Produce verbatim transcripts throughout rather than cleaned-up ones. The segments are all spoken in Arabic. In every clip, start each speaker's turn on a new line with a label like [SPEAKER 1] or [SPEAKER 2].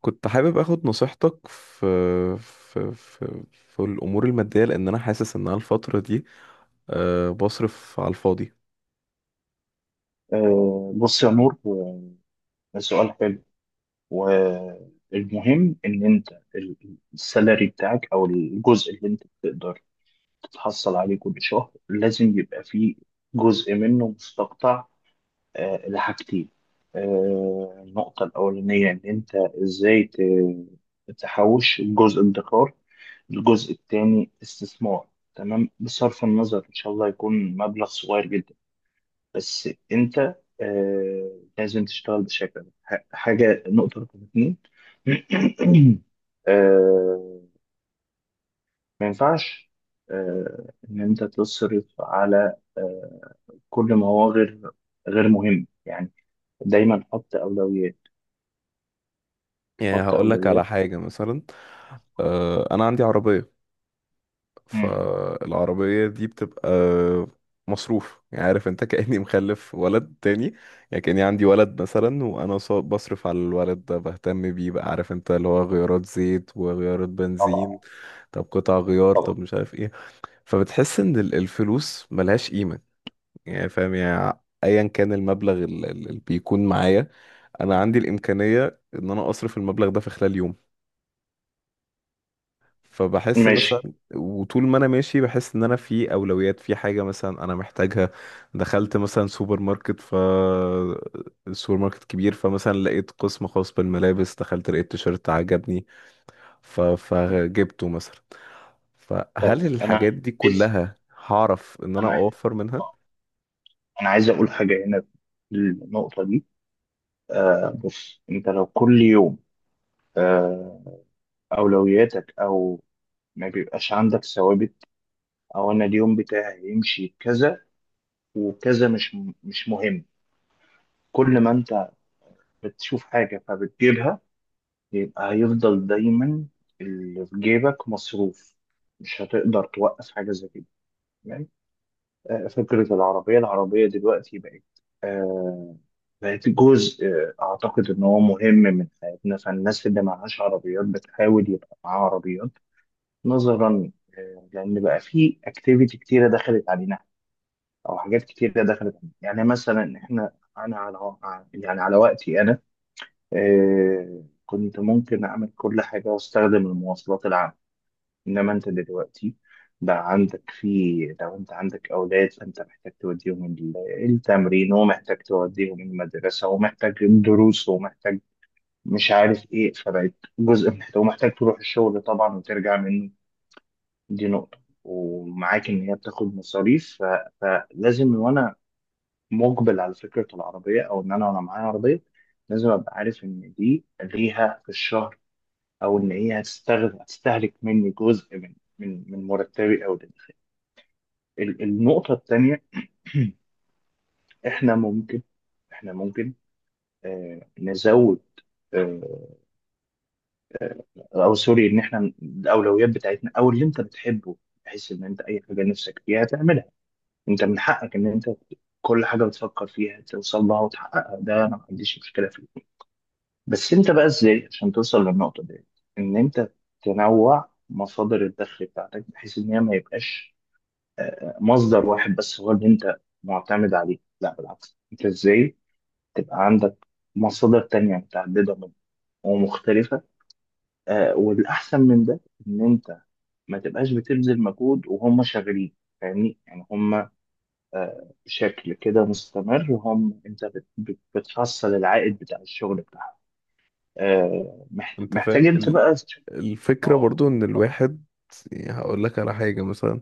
[SPEAKER 1] كنت حابب اخد نصيحتك في في في, في الامور الماديه، لان انا حاسس ان انا الفتره دي أه بصرف على الفاضي.
[SPEAKER 2] آه، بص يا نور، آه، سؤال حلو. والمهم ان انت ال- السالري بتاعك او الجزء اللي انت بتقدر تتحصل عليه كل شهر لازم يبقى فيه جزء منه مستقطع، آه، لحاجتين. آه، النقطة الأولانية إن أنت إزاي ت- تحوش الجزء ادخار، الجزء التاني استثمار. تمام، بصرف النظر إن شاء الله يكون مبلغ صغير جدا، بس انت آه لازم تشتغل بشكل ده. ح- حاجه، نقطه رقم اتنين. آه ما ينفعش آه ان انت تصرف على آه كل ما هو غير غير مهم، يعني دايما حط اولويات،
[SPEAKER 1] يعني
[SPEAKER 2] حط
[SPEAKER 1] هقول لك على
[SPEAKER 2] اولويات.
[SPEAKER 1] حاجه مثلا. أه انا عندي عربيه،
[SPEAKER 2] مم.
[SPEAKER 1] فالعربيه دي بتبقى مصروف. يعني عارف انت كاني مخلف ولد تاني. يعني كاني عندي ولد مثلا، وانا ص- بصرف على الولد ده، بهتم بيه، بقى عارف انت اللي هو غيارات زيت وغيارات بنزين،
[SPEAKER 2] طبعا.
[SPEAKER 1] طب قطع غيار،
[SPEAKER 2] طبعا.
[SPEAKER 1] طب مش عارف ايه. فبتحس ان ال- الفلوس ملهاش قيمة. يعني فاهم، يعني ايا كان المبلغ ال- ال- اللي بيكون معايا، انا عندي الامكانية ان انا اصرف المبلغ ده في خلال يوم. فبحس
[SPEAKER 2] ماشي.
[SPEAKER 1] مثلا، وطول ما انا ماشي بحس ان انا في اولويات، في حاجة مثلا انا محتاجها. دخلت مثلا سوبر ماركت، ف السوبر ماركت كبير، فمثلا لقيت قسم خاص بالملابس، دخلت لقيت تيشيرت عجبني، ف... فجبته مثلا. فهل
[SPEAKER 2] طب انا
[SPEAKER 1] الحاجات دي
[SPEAKER 2] عايز
[SPEAKER 1] كلها هعرف ان انا
[SPEAKER 2] انا عايز
[SPEAKER 1] اوفر منها؟
[SPEAKER 2] انا عايز اقول حاجه هنا في النقطه دي. آه بص، انت لو كل يوم آه اولوياتك او ما بيبقاش عندك ثوابت، او انا اليوم بتاعي يمشي كذا وكذا، مش مش مهم، كل ما انت بتشوف حاجة فبتجيبها، يبقى هيفضل دايما اللي في جيبك مصروف، مش هتقدر توقف حاجة زي كده. تمام. آه، فكرة العربية العربية دلوقتي بقت، آه، بقت جزء، آه، أعتقد إن هو مهم من حياتنا، فالناس اللي معهاش عربيات بتحاول يبقى معاها عربيات، نظرا، آه، لأن بقى في أكتيفيتي كتيرة دخلت علينا او حاجات كتير دخلت. يعني مثلا احنا، انا على، يعني على وقتي انا آه، كنت ممكن اعمل كل حاجه واستخدم المواصلات العامه. انما انت دلوقتي بقى عندك في، لو انت عندك اولاد فانت محتاج توديهم ال- التمرين، ومحتاج توديهم المدرسه، ومحتاج الدروس، ومحتاج مش عارف ايه، فبقت جزء محتاج، ومحتاج تروح الشغل طبعا وترجع منه. دي نقطه، ومعاك ان هي بتاخد مصاريف، ف- فلازم وانا مقبل على فكرة العربية أو إن أنا وأنا معايا عربية، لازم أبقى عارف إن دي ليها في الشهر، أو إن هي هتستغل هتستهلك مني جزء من من من مرتبي أو ده. ال- النقطة التانية، إحنا ممكن إحنا ممكن آه نزود، آه أو سوري، إن إحنا الأولويات بتاعتنا أو اللي أنت بتحبه، بحيث إن أنت أي حاجة نفسك فيها تعملها، أنت من حقك إن أنت كل حاجة بتفكر فيها توصل لها وتحققها، ده أنا ما عنديش مشكلة فيه. بس انت بقى ازاي عشان توصل للنقطة دي؟ ان انت تنوع مصادر الدخل بتاعتك، بحيث ان هي ما يبقاش آه، آه، مصدر واحد بس هو اللي انت معتمد عليه، لا بالعكس، انت ازاي تبقى عندك مصادر تانية متعددة من ومختلفة. آه، والاحسن من ده ان انت ما تبقاش بتبذل مجهود وهم شغالين، فاهمني؟ يعني هم آه، بشكل كده مستمر، هم انت بت- بت- بتحصل العائد بتاع الشغل بتاعهم. آه، محت-
[SPEAKER 1] انت فاهم
[SPEAKER 2] محتاج انت
[SPEAKER 1] ال-
[SPEAKER 2] بقى. اه،
[SPEAKER 1] الفكرة، برضو ان
[SPEAKER 2] بالظبط.
[SPEAKER 1] الواحد. يعني هقول لك على حاجة مثلا.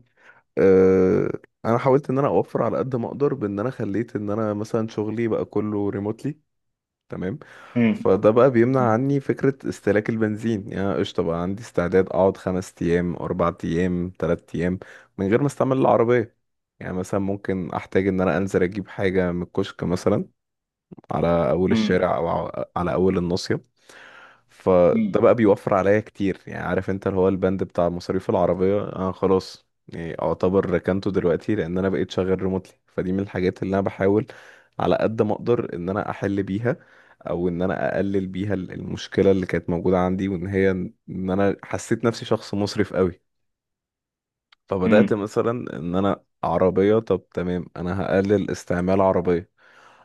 [SPEAKER 1] أه، انا حاولت ان انا اوفر على قد ما اقدر بان انا خليت ان انا مثلا شغلي بقى كله ريموتلي. تمام.
[SPEAKER 2] مم.
[SPEAKER 1] فده بقى بيمنع
[SPEAKER 2] مم.
[SPEAKER 1] عني فكرة استهلاك البنزين. يعني أنا قشطة بقى عندي استعداد اقعد خمس ايام، اربع ايام، تلات ايام من غير ما استعمل العربية. يعني مثلا ممكن احتاج ان انا انزل اجيب حاجة من الكشك مثلا، على اول
[SPEAKER 2] مم.
[SPEAKER 1] الشارع او على اول الناصية.
[SPEAKER 2] مم.
[SPEAKER 1] فده بقى بيوفر عليا كتير. يعني عارف انت اللي هو البند بتاع مصاريف العربية انا خلاص، يعني اعتبر ركنته دلوقتي لان انا بقيت شغال ريموتلي، فدي من الحاجات اللي انا بحاول على قد ما اقدر ان انا احل بيها، او ان انا اقلل بيها ال- المشكلة اللي كانت موجودة عندي، وان هي ان انا حسيت نفسي شخص مسرف قوي. فبدأت
[SPEAKER 2] مم.
[SPEAKER 1] مثلا ان انا عربية، طب تمام انا هقلل استعمال عربية.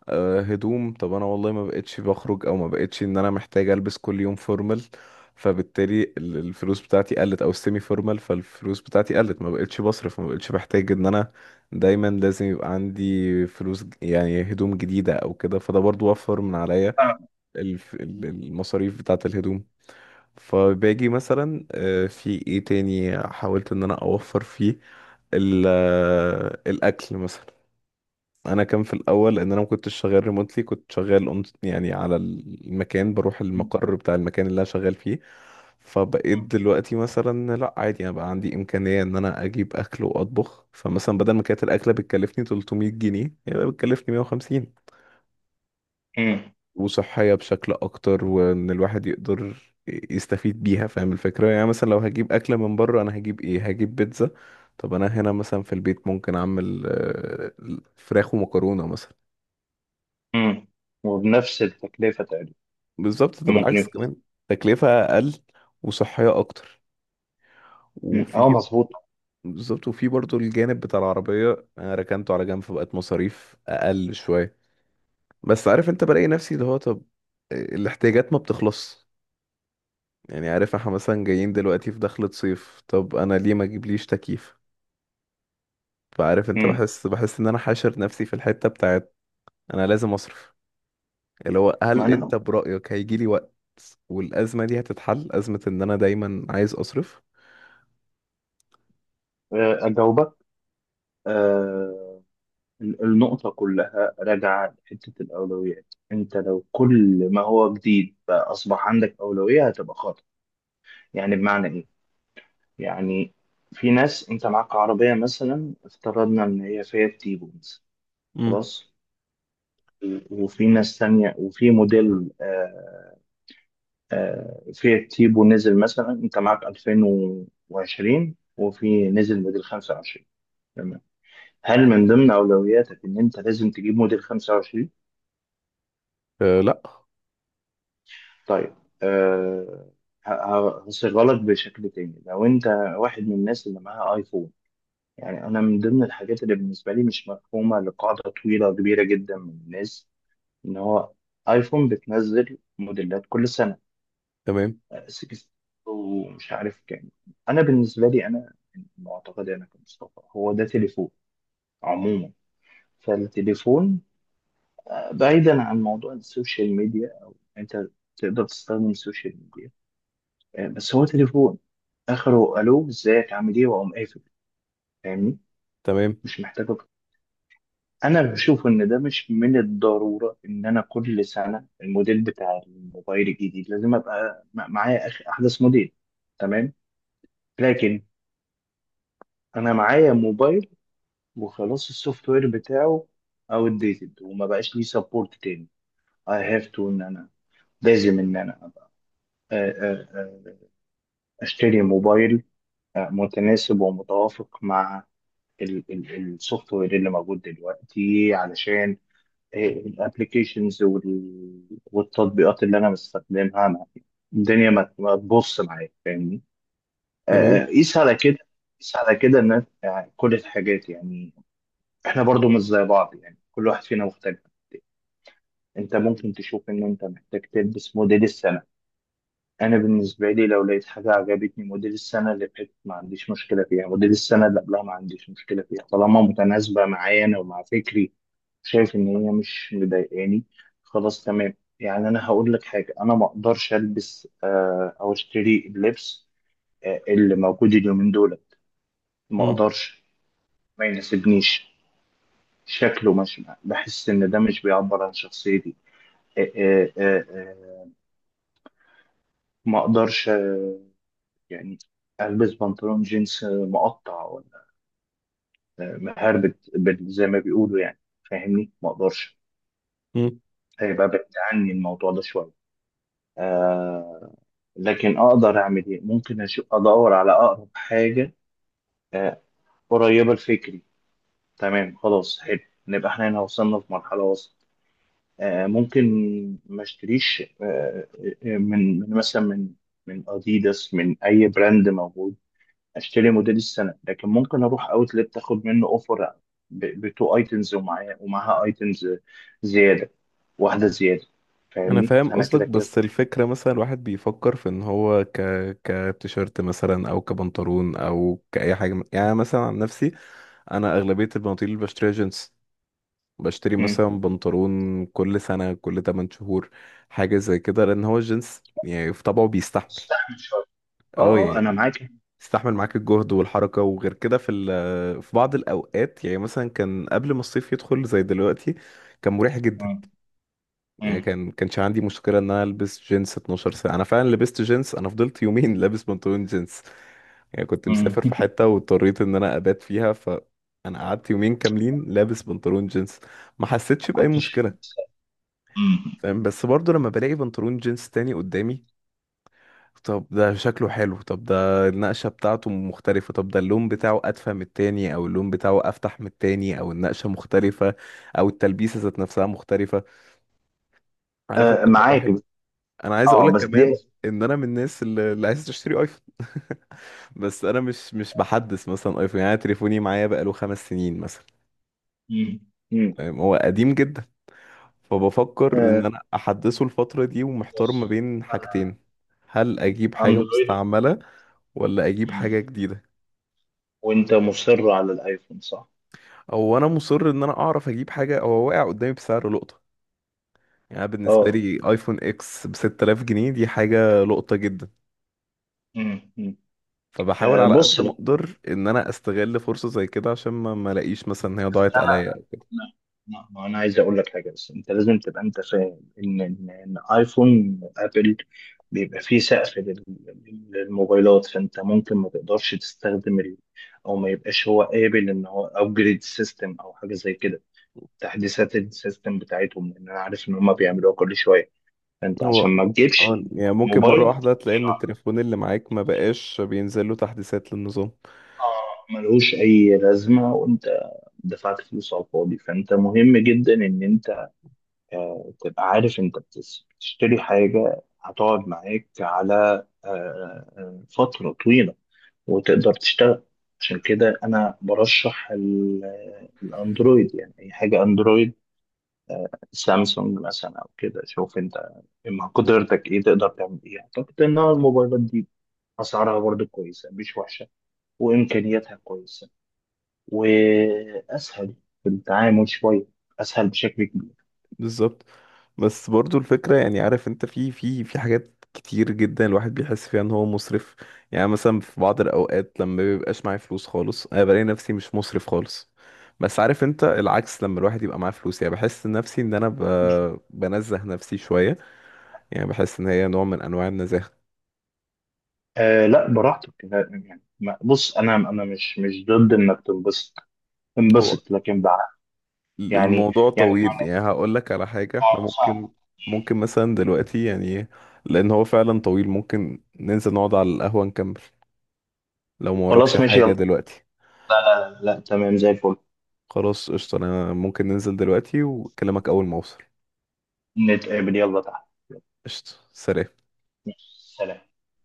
[SPEAKER 1] آه، هدوم، طب انا والله ما بقتش بخرج، او ما بقتش ان انا محتاج البس كل يوم فورمال، فبالتالي ال- الفلوس بتاعتي قلت، او السيمي فورمال، فالفلوس بتاعتي قلت، ما بقتش بصرف، ما بقتش بحتاج ان انا دايما لازم يبقى عندي فلوس ج- يعني هدوم جديدة او كده، فده برضو وفر من عليا
[SPEAKER 2] فاهم.
[SPEAKER 1] الف- ال- المصاريف بتاعة الهدوم. فباجي مثلا، آه، في ايه تاني حاولت ان انا اوفر فيه؟ ال- آه، الاكل مثلا. انا كان في الاول لان انا ما كنتش شغال ريموتلي، كنت شغال on- يعني على المكان، بروح
[SPEAKER 2] مم.
[SPEAKER 1] المقر بتاع المكان اللي انا شغال فيه. فبقيت
[SPEAKER 2] مم.
[SPEAKER 1] دلوقتي مثلا لا عادي، انا بقى عندي امكانيه ان انا اجيب اكل واطبخ، فمثلا بدل ما كانت الاكله بتكلفني تلت ميت جنيه، هي بقى بتكلفني مئة وخمسين،
[SPEAKER 2] مم.
[SPEAKER 1] وصحيه بشكل اكتر، وان الواحد يقدر يستفيد بيها، فاهم الفكره. يعني مثلا لو هجيب اكله من بره انا هجيب ايه؟ هجيب بيتزا. طب انا هنا مثلا في البيت ممكن اعمل آه، فراخ ومكرونه مثلا.
[SPEAKER 2] مم. وبنفس التكلفة تقريبا.
[SPEAKER 1] بالظبط. ده
[SPEAKER 2] ممكن
[SPEAKER 1] بالعكس
[SPEAKER 2] يكون.
[SPEAKER 1] كمان تكلفة أقل وصحية أكتر،
[SPEAKER 2] مم.
[SPEAKER 1] وفي.
[SPEAKER 2] اه مظبوط.
[SPEAKER 1] بالظبط. وفي برضو الجانب بتاع العربية، أنا ركنته على جنب، فبقت مصاريف أقل شوية. بس عارف أنت بلاقي نفسي اللي هو طب آه، الاحتياجات ما بتخلص. يعني عارف احنا مثلا جايين دلوقتي في دخلة صيف، طب أنا ليه ما أجيبليش تكييف؟ فعارف أنت،
[SPEAKER 2] مم.
[SPEAKER 1] بحس بحس إن أنا حاشر نفسي في الحتة بتاعت أنا لازم أصرف، اللي هو هل
[SPEAKER 2] معنى،
[SPEAKER 1] أنت برأيك هيجيلي وقت والأزمة دي هتتحل، أزمة إن أنا دايما عايز أصرف؟
[SPEAKER 2] أجاوبك. آه، ال- النقطة كلها راجعة لحتة الأولويات. أنت لو كل ما هو جديد بقى أصبح عندك أولوية، هتبقى خاطئ. يعني بمعنى إيه؟ يعني في ناس أنت معاك عربية، مثلا افترضنا إن هي فيها تيبو مثلا،
[SPEAKER 1] مم.
[SPEAKER 2] خلاص، وفي ناس تانية وفي موديل، آه، آه، فيات تيبو نزل مثلا انت معاك ألفين وعشرين وفي نزل موديل خمسة وعشرين، تمام؟ هل من ضمن اولوياتك ان انت لازم تجيب موديل خمسة وعشرين؟
[SPEAKER 1] أه لا.
[SPEAKER 2] طيب. أه. ه- ه- هصيغها لك بشكل تاني. لو انت واحد من الناس اللي معاها ايفون، يعني انا من ضمن الحاجات اللي بالنسبه لي مش مفهومه لقاعده طويله كبيره جدا من الناس، ان هو ايفون بتنزل موديلات كل سنه،
[SPEAKER 1] تمام.
[SPEAKER 2] سكس ومش عارف كام. انا بالنسبه لي، انا من معتقدي انا كمصطفى، هو ده تليفون عموما. فالتليفون، آه، بعيدا عن موضوع السوشيال ميديا او انت تقدر تستخدم السوشيال ميديا، آه، بس هو تليفون، اخره الو ازيك عامل ايه واقوم قافل، فاهمني؟
[SPEAKER 1] تمام.
[SPEAKER 2] مش محتاج أكتر. انا بشوف ان ده مش من الضروره ان انا كل سنه الموديل بتاع الموبايل الجديد لازم ابقى م- معايا أخ- احدث موديل. تمام. لكن انا معايا موبايل وخلاص السوفت وير بتاعه اوت ديتد وما بقاش ليه سبورت تاني، I have to، ان انا لازم ان انا ابقى، آه، آه، آه، اشتري موبايل آه، متناسب ومتوافق مع السوفت وير اللي موجود دلوقتي، علشان الابلكيشنز والتطبيقات اللي انا بستخدمها، ما- الدنيا ما ما تبص معايا، فاهمني؟
[SPEAKER 1] تمام.
[SPEAKER 2] آه، آه، قيس على كده، قيس على كده، ان يعني كل الحاجات، يعني احنا برضو مش زي بعض، يعني كل واحد فينا مختلف. انت ممكن تشوف ان انت محتاج تلبس موديل السنة، انا بالنسبة لي لو لقيت حاجة عجبتني موديل السنة اللي فاتت ما عنديش مشكلة فيها، موديل السنة اللي قبلها ما عنديش مشكلة فيها، طالما متناسبة معايا انا ومع فكري، شايف ان هي مش مضايقاني، خلاص تمام. يعني انا هقول لك حاجة، انا ما اقدرش البس آه، او اشتري اللبس آه، اللي موجود اليومين دول، ما
[SPEAKER 1] مم.
[SPEAKER 2] اقدرش، ما يناسبنيش، شكله، مش بحس ان ده مش بيعبر عن شخصيتي. آه، آه، آه، آه، ما اقدرش آه، يعني البس بنطلون جينز آه، مقطع ولا آه، مهربت بال- زي ما بيقولوا يعني، فاهمني؟ ما اقدرش،
[SPEAKER 1] مم.
[SPEAKER 2] هيبقى بعيد عني الموضوع ده شويه. آه لكن اقدر اعمل ايه؟ ممكن أشوف ادور على اقرب حاجه آه قريبه لفكري، تمام، خلاص حلو، نبقى احنا هنا وصلنا في مرحله وسط. آه ممكن ما اشتريش آه آه، من من مثلا من من اديداس من اي براند موجود، اشتري موديل السنه، لكن ممكن اروح اوتلت اخد منه اوفر، بتو ايتمز، ومعايا ومعاها ايتمز زياده، واحده زياده،
[SPEAKER 1] انا
[SPEAKER 2] فاهمني؟
[SPEAKER 1] فاهم
[SPEAKER 2] فانا
[SPEAKER 1] قصدك،
[SPEAKER 2] كده
[SPEAKER 1] بس
[SPEAKER 2] كسبت.
[SPEAKER 1] الفكره مثلا الواحد بيفكر في ان هو ك كتيشيرت مثلا، او كبنطلون، او كاي حاجه من- يعني. أنا مثلا عن نفسي، انا اغلبيه البناطيل اللي بشتريها جينز. بشتري
[SPEAKER 2] مم.
[SPEAKER 1] مثلا بنطلون كل سنه، كل تمانية شهور، حاجه زي كده، لان هو الجينز يعني في طبعه بيستحمل.
[SPEAKER 2] استحمل شويه. اه
[SPEAKER 1] اه
[SPEAKER 2] اه
[SPEAKER 1] يعني
[SPEAKER 2] انا معاك.
[SPEAKER 1] بيستحمل معاك الجهد والحركه، وغير كده في ال- في بعض الاوقات، يعني مثلا كان قبل ما الصيف يدخل زي دلوقتي كان مريح جدا.
[SPEAKER 2] مم.
[SPEAKER 1] يعني
[SPEAKER 2] مم.
[SPEAKER 1] كان كانش عندي مشكلة ان انا البس جينز اثنا عشر ساعة. انا فعلا لبست جينز، انا فضلت يومين لابس بنطلون جينز. يعني كنت مسافر
[SPEAKER 2] مم.
[SPEAKER 1] في حتة واضطريت ان انا ابات فيها، فانا قعدت يومين كاملين لابس بنطلون جينز، ما
[SPEAKER 2] ما
[SPEAKER 1] حسيتش بأي
[SPEAKER 2] كنتش.
[SPEAKER 1] مشكلة.
[SPEAKER 2] مم.
[SPEAKER 1] فاهم؟ بس برضو لما بلاقي بنطلون جينز تاني قدامي، طب ده شكله حلو، طب ده النقشة بتاعته مختلفة، طب ده اللون بتاعه أدفى من التاني أو اللون بتاعه أفتح من التاني، أو النقشة مختلفة، أو التلبيسة ذات نفسها مختلفة. عارف
[SPEAKER 2] آه
[SPEAKER 1] انت
[SPEAKER 2] معاك.
[SPEAKER 1] فالواحد. انا عايز
[SPEAKER 2] اه،
[SPEAKER 1] اقولك
[SPEAKER 2] بس دي.
[SPEAKER 1] كمان ان انا من الناس اللي اللي عايز تشتري ايفون بس انا مش مش بحدث مثلا ايفون. يعني أنا تليفوني معايا بقاله خمس سنين مثلا.
[SPEAKER 2] مم. مم.
[SPEAKER 1] فاهم؟ هو قديم جدا. فبفكر ان
[SPEAKER 2] آه،
[SPEAKER 1] انا احدثه الفترة دي، ومحتار ما
[SPEAKER 2] بص
[SPEAKER 1] بين
[SPEAKER 2] انا
[SPEAKER 1] حاجتين. هل اجيب حاجة
[SPEAKER 2] اندرويد.
[SPEAKER 1] مستعملة ولا اجيب
[SPEAKER 2] مم.
[SPEAKER 1] حاجة جديدة؟
[SPEAKER 2] وانت مصر على الايفون، صح؟
[SPEAKER 1] او انا مصر ان انا اعرف اجيب حاجة هو واقع قدامي بسعر لقطة. يعني أنا بالنسبة
[SPEAKER 2] اه.
[SPEAKER 1] لي ايفون اكس ب ست تلاف جنيه دي حاجة لقطة جدا.
[SPEAKER 2] مم. مم.
[SPEAKER 1] فبحاول
[SPEAKER 2] آه
[SPEAKER 1] على
[SPEAKER 2] بص،
[SPEAKER 1] قد ما اقدر ان انا استغل فرصة زي كده عشان ما ما الاقيش مثلا ان هي ضاعت
[SPEAKER 2] لو،
[SPEAKER 1] عليا.
[SPEAKER 2] لا لا ما انا عايز اقول لك حاجه، بس انت لازم تبقى انت فاهم ان ان إن ايفون ابل بيبقى فيه سقف لل- للموبايلات، فانت ممكن ما تقدرش تستخدم ال... او ما يبقاش هو قابل ان هو ابجريد سيستم او حاجه زي كده، تحديثات السيستم بتاعتهم، لان انا عارف ان هم بيعملوها كل شويه. فانت
[SPEAKER 1] هو
[SPEAKER 2] عشان ما تجيبش
[SPEAKER 1] آه، يعني ممكن مرة
[SPEAKER 2] موبايل
[SPEAKER 1] واحدة تلاقي ان التليفون اللي معاك ما بقاش بينزل له تحديثات للنظام.
[SPEAKER 2] آه، ملهوش اي لازمه وانت دفعت فلوس على الفاضي، فانت مهم جدا ان انت آه، تبقى عارف انت بتس- بتشتري حاجة هتقعد معاك على آه، آه، آه، فترة طويلة وتقدر تشتغل. عشان كده انا برشح ال- الاندرويد، يعني اي حاجة اندرويد، سامسونج مثلا او كده، شوف انت مع قدرتك ايه تقدر تعمل ايه. اعتقد ان الموبايلات دي اسعارها برضه كويسة، مش وحشة، وامكانياتها كويسة، واسهل في التعامل شوية، اسهل بشكل كبير.
[SPEAKER 1] بالظبط. بس برضو الفكرة، يعني عارف انت في في في حاجات كتير جدا الواحد بيحس فيها ان هو مسرف. يعني مثلا في بعض الاوقات لما بيبقاش معايا فلوس خالص انا بلاقي نفسي مش مسرف خالص، بس عارف انت العكس لما الواحد يبقى معاه فلوس يعني بحس نفسي ان انا ب... بنزه نفسي شوية. يعني بحس ان هي نوع من انواع النزاهة.
[SPEAKER 2] آه لا براحتك، لا، يعني ما- بص انا، انا مش مش ضد انك تنبسط،
[SPEAKER 1] هو
[SPEAKER 2] انبسط، لكن بقى يعني،
[SPEAKER 1] الموضوع
[SPEAKER 2] يعني
[SPEAKER 1] طويل،
[SPEAKER 2] بمعنى،
[SPEAKER 1] يعني هقول لك على حاجة احنا
[SPEAKER 2] آه،
[SPEAKER 1] ممكن.
[SPEAKER 2] صح.
[SPEAKER 1] ممكن مثلا دلوقتي يعني، لان هو فعلا طويل، ممكن ننزل نقعد على القهوة نكمل لو ما وراكش
[SPEAKER 2] خلاص ماشي
[SPEAKER 1] حاجة
[SPEAKER 2] يلا،
[SPEAKER 1] دلوقتي.
[SPEAKER 2] آه، لا تمام زي الفل.
[SPEAKER 1] خلاص قشطة، انا ممكن ننزل دلوقتي واكلمك اول ما اوصل.
[SPEAKER 2] نتقابل، يلا تحت، يلا،
[SPEAKER 1] قشطة، سلام.
[SPEAKER 2] ماشي، سلام.